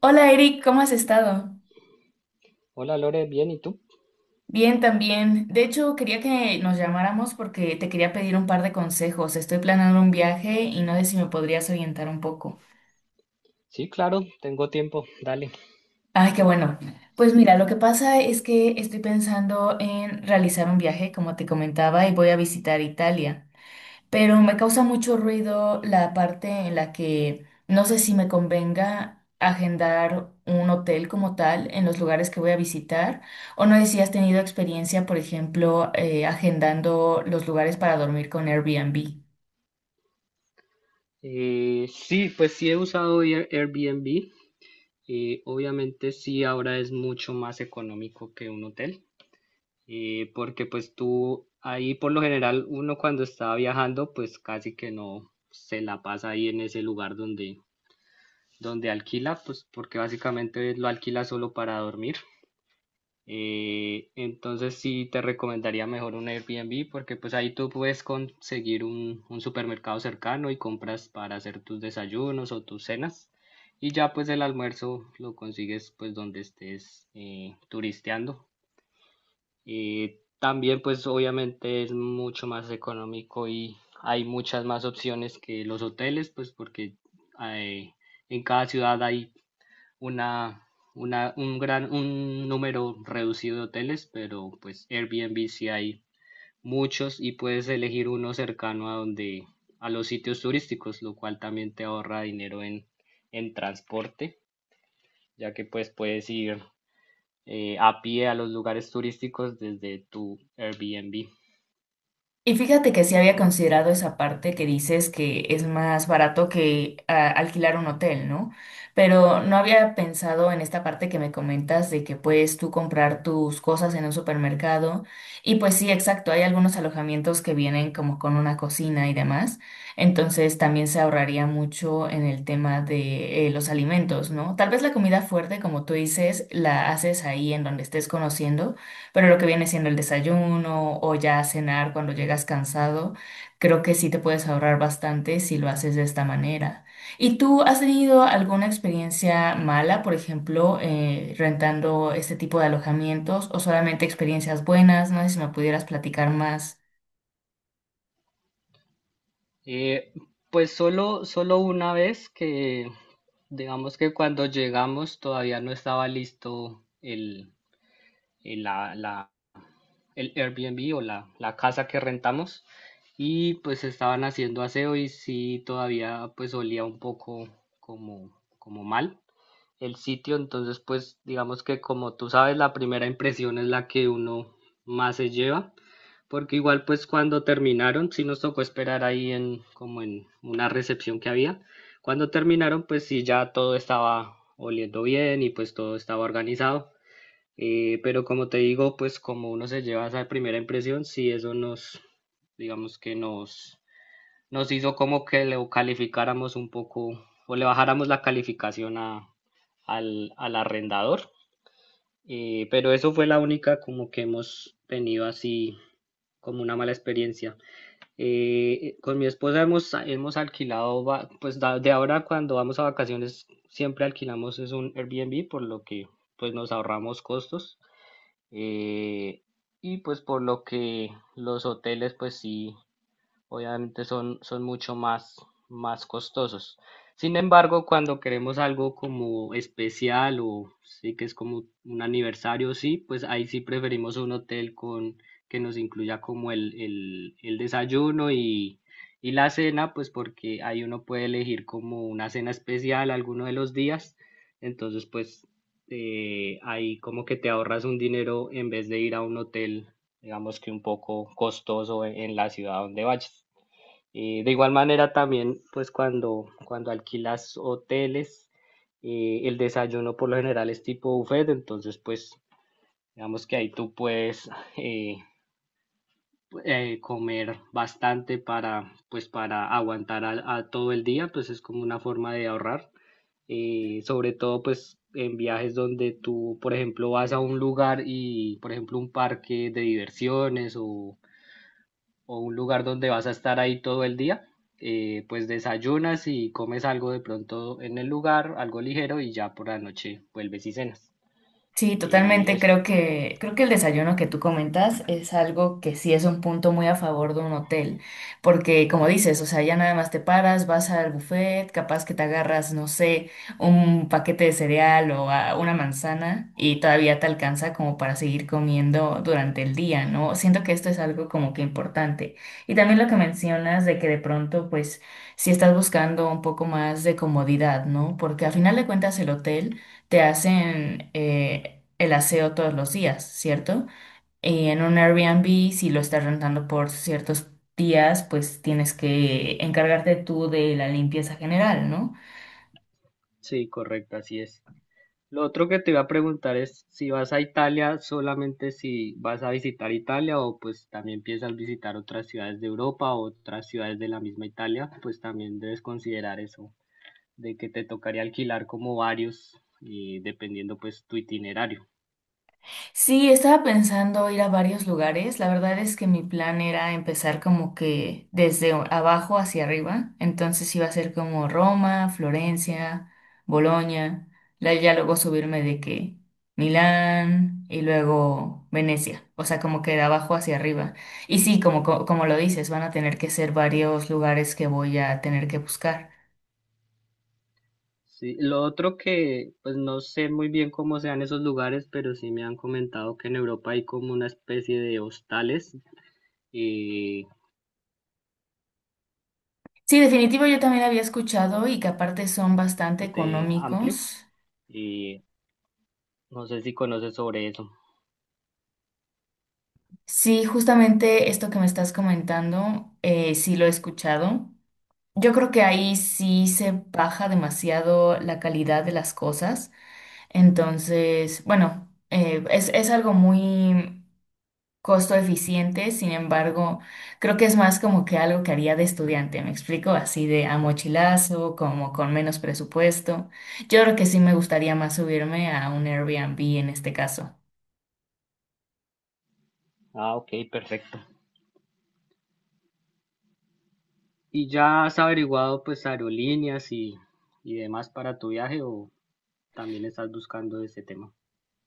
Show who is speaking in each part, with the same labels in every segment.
Speaker 1: Hola Eric, ¿cómo has estado?
Speaker 2: Hola Lore, bien, ¿y tú?
Speaker 1: Bien también. De hecho, quería que nos llamáramos porque te quería pedir un par de consejos. Estoy planeando un viaje y no sé si me podrías orientar un poco.
Speaker 2: Sí, claro, tengo tiempo, dale.
Speaker 1: Ay, qué bueno. Pues mira, lo que pasa es que estoy pensando en realizar un viaje, como te comentaba, y voy a visitar Italia, pero me causa mucho ruido la parte en la que no sé si me convenga agendar un hotel como tal en los lugares que voy a visitar, o no sé si has tenido experiencia, por ejemplo, agendando los lugares para dormir con Airbnb.
Speaker 2: Sí, pues sí he usado Airbnb. Obviamente sí, ahora es mucho más económico que un hotel, porque pues tú ahí por lo general uno cuando está viajando pues casi que no se la pasa ahí en ese lugar donde alquila, pues porque básicamente lo alquila solo para dormir. Entonces sí te recomendaría mejor un Airbnb porque pues ahí tú puedes conseguir un supermercado cercano y compras para hacer tus desayunos o tus cenas, y ya pues el almuerzo lo consigues pues donde estés turisteando. También pues obviamente es mucho más económico y hay muchas más opciones que los hoteles, pues porque hay- en cada ciudad hay una, un número reducido de hoteles, pero pues Airbnb sí hay muchos, y puedes elegir uno cercano a los sitios turísticos, lo cual también te ahorra dinero en transporte, ya que pues puedes ir a pie a los lugares turísticos desde tu Airbnb.
Speaker 1: Y fíjate que sí había considerado esa parte que dices que es más barato que alquilar un hotel, ¿no? Pero no había pensado en esta parte que me comentas de que puedes tú comprar tus cosas en un supermercado. Y pues sí, exacto, hay algunos alojamientos que vienen como con una cocina y demás. Entonces también se ahorraría mucho en el tema de los alimentos, ¿no? Tal vez la comida fuerte, como tú dices, la haces ahí en donde estés conociendo, pero lo que viene siendo el desayuno o ya cenar cuando llegas cansado, creo que sí te puedes ahorrar bastante si lo haces de esta manera. ¿Y tú has tenido alguna experiencia mala, por ejemplo, rentando este tipo de alojamientos o solamente experiencias buenas? No sé si me pudieras platicar más.
Speaker 2: Eh, pues solo una vez digamos que cuando llegamos todavía no estaba listo el- la, la- el Airbnb o la casa que rentamos, y pues estaban haciendo aseo y sí todavía pues olía un poco como, como mal el sitio. Entonces pues digamos que como tú sabes, la primera impresión es la que uno más se lleva, porque igual pues cuando terminaron sí nos tocó esperar ahí en como en una recepción que había. Cuando terminaron, pues sí, ya todo estaba oliendo bien y pues todo estaba organizado. Pero como te digo, pues como uno se lleva esa primera impresión, sí, eso digamos que nos hizo como que le calificáramos un poco o le bajáramos la calificación al arrendador. Pero eso fue la única como que hemos tenido, así como una mala experiencia. Con mi esposa hemos alquilado, de ahora cuando vamos a vacaciones siempre alquilamos es un Airbnb, por lo que pues nos ahorramos costos. Eh, y pues por lo que los hoteles pues sí obviamente son mucho más costosos. Sin embargo, cuando queremos algo como especial o sí que es como un aniversario, sí, pues ahí sí preferimos un hotel con que nos incluya como el desayuno y la cena, pues porque ahí uno puede elegir como una cena especial alguno de los días. Entonces, pues ahí como que te ahorras un dinero en vez de ir a un hotel digamos que un poco costoso en la ciudad donde vayas. De igual manera también, pues cuando alquilas hoteles, el desayuno por lo general es tipo buffet. Entonces pues digamos que ahí tú puedes eh, comer bastante para, pues para aguantar a todo el día, pues es como una forma de ahorrar. Sobre todo pues en viajes donde tú, por ejemplo, vas a un lugar y, por ejemplo, un parque de diversiones o un lugar donde vas a estar ahí todo el día, pues desayunas y comes algo de pronto en el lugar, algo ligero, y ya por la noche vuelves y cenas.
Speaker 1: Sí,
Speaker 2: Y
Speaker 1: totalmente.
Speaker 2: es,
Speaker 1: Creo que el desayuno que tú comentas es algo que sí es un punto muy a favor de un hotel, porque como dices, o sea, ya nada más te paras, vas al buffet, capaz que te agarras, no sé, un paquete de cereal o una manzana y todavía te alcanza como para seguir comiendo durante el día, ¿no? Siento que esto es algo como que importante. Y también lo que mencionas de que de pronto, pues, si estás buscando un poco más de comodidad, ¿no? Porque a final de cuentas el hotel te hacen el aseo todos los días, ¿cierto? Y en un Airbnb, si lo estás rentando por ciertos días, pues tienes que encargarte tú de la limpieza general, ¿no?
Speaker 2: sí, correcto, así es. Lo otro que te iba a preguntar es si vas a Italia, solamente si vas a visitar Italia o pues también piensas visitar otras ciudades de Europa o otras ciudades de la misma Italia, pues también debes considerar eso, de que te tocaría alquilar como varios y dependiendo pues tu itinerario.
Speaker 1: Sí, estaba pensando ir a varios lugares. La verdad es que mi plan era empezar como que desde abajo hacia arriba. Entonces iba a ser como Roma, Florencia, Bolonia. Ya luego subirme de que Milán y luego Venecia. O sea, como que de abajo hacia arriba. Y sí, como, como lo dices, van a tener que ser varios lugares que voy a tener que buscar.
Speaker 2: Sí, lo otro pues no sé muy bien cómo sean esos lugares, pero sí me han comentado que en Europa hay como una especie de hostales eh,
Speaker 1: Sí, definitivo, yo también había escuchado y que aparte son bastante
Speaker 2: bastante amplio,
Speaker 1: económicos.
Speaker 2: y no sé si conoces sobre eso.
Speaker 1: Sí, justamente esto que me estás comentando, sí lo he escuchado. Yo creo que ahí sí se baja demasiado la calidad de las cosas. Entonces, bueno, es algo muy costo eficiente, sin embargo, creo que es más como que algo que haría de estudiante, ¿me explico? Así de a mochilazo, como con menos presupuesto. Yo creo que sí me gustaría más subirme a un Airbnb en este caso.
Speaker 2: Ah, ok, perfecto. ¿Y ya has averiguado pues aerolíneas y demás para tu viaje, o también estás buscando ese tema?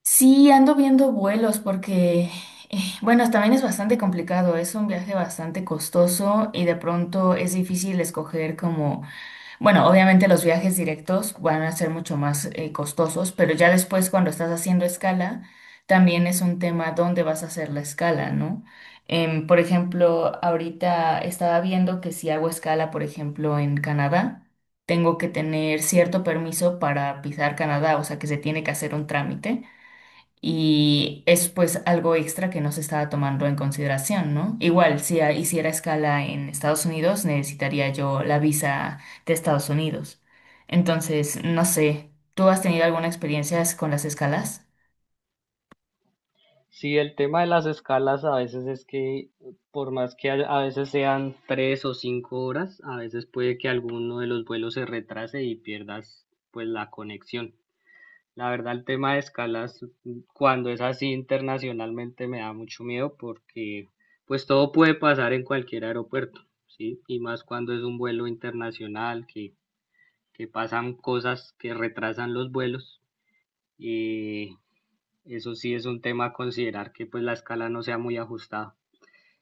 Speaker 1: Sí, ando viendo vuelos porque, bueno, también es bastante complicado, es un viaje bastante costoso y de pronto es difícil escoger como, bueno, obviamente los viajes directos van a ser mucho más costosos, pero ya después cuando estás haciendo escala, también es un tema dónde vas a hacer la escala, ¿no? Por ejemplo, ahorita estaba viendo que si hago escala, por ejemplo, en Canadá, tengo que tener cierto permiso para pisar Canadá, o sea que se tiene que hacer un trámite. Y es pues algo extra que no se estaba tomando en consideración, ¿no? Igual, si hiciera escala en Estados Unidos, necesitaría yo la visa de Estados Unidos. Entonces, no sé, ¿tú has tenido alguna experiencia con las escalas?
Speaker 2: Sí, el tema de las escalas a veces es por más que a veces sean tres o cinco horas, a veces puede que alguno de los vuelos se retrase y pierdas pues la conexión. La verdad, el tema de escalas, mm, cuando es así internacionalmente, me da mucho miedo porque pues todo puede pasar en cualquier aeropuerto, ¿sí? Y más cuando es un vuelo internacional, que pasan cosas que retrasan los vuelos. eh, Eso sí es un tema a considerar, que pues la escala no sea muy ajustada.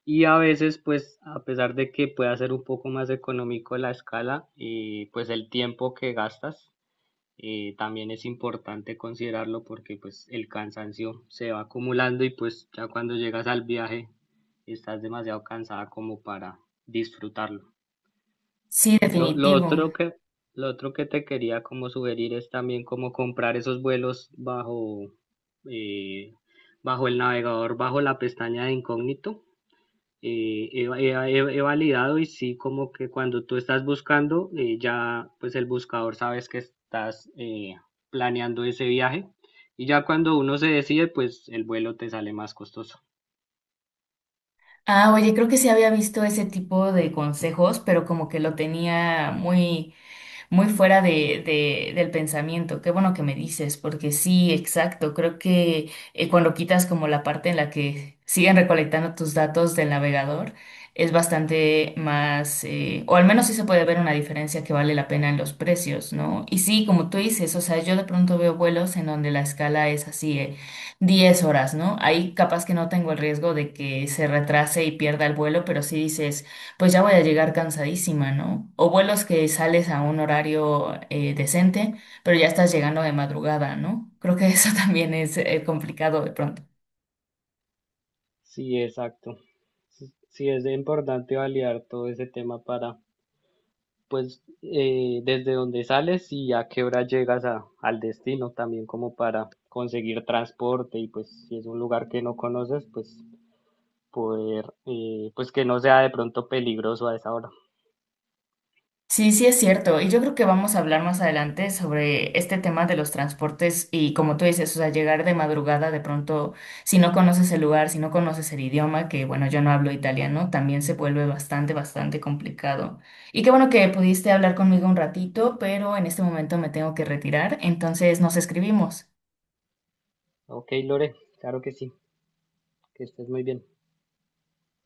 Speaker 2: Y a veces pues a pesar de que pueda ser un poco más económico la escala, pues el tiempo que gastas también es importante considerarlo, porque pues el cansancio se va acumulando y pues ya cuando llegas al viaje estás demasiado cansada como para disfrutarlo.
Speaker 1: Sí,
Speaker 2: Lo, lo
Speaker 1: definitivo.
Speaker 2: otro que, lo otro que te quería como sugerir es también como comprar esos vuelos eh, bajo el navegador, bajo la pestaña de incógnito. He validado y sí, como que cuando tú estás buscando, ya pues el buscador sabes que estás planeando ese viaje. Y ya cuando uno se decide, pues el vuelo te sale más costoso.
Speaker 1: Ah, oye, creo que sí había visto ese tipo de consejos, pero como que lo tenía muy muy fuera de, del pensamiento. Qué bueno que me dices, porque sí, exacto. Creo que cuando quitas como la parte en la que siguen recolectando tus datos del navegador, es bastante más, o al menos sí se puede ver una diferencia que vale la pena en los precios, ¿no? Y sí, como tú dices, o sea, yo de pronto veo vuelos en donde la escala es así, 10 horas, ¿no? Ahí capaz que no tengo el riesgo de que se retrase y pierda el vuelo, pero sí dices pues ya voy a llegar cansadísima, ¿no? O vuelos que sales a un horario decente, pero ya estás llegando de madrugada, ¿no? Creo que eso también es complicado de pronto.
Speaker 2: Sí, exacto. Sí, sí es importante validar todo ese tema para pues desde donde sales y a qué hora llegas al destino, también como para conseguir transporte, y pues si es un lugar que no conoces, pues poder, pues que no sea de pronto peligroso a esa hora.
Speaker 1: Sí, sí es cierto. Y yo creo que vamos a hablar más adelante sobre este tema de los transportes y como tú dices, o sea, llegar de madrugada de pronto, si no conoces el lugar, si no conoces el idioma, que bueno, yo no hablo italiano, también se vuelve bastante, bastante complicado. Y qué bueno que pudiste hablar conmigo un ratito, pero en este momento me tengo que retirar, entonces nos escribimos.
Speaker 2: Ok, Lore, claro que sí, que estés muy bien.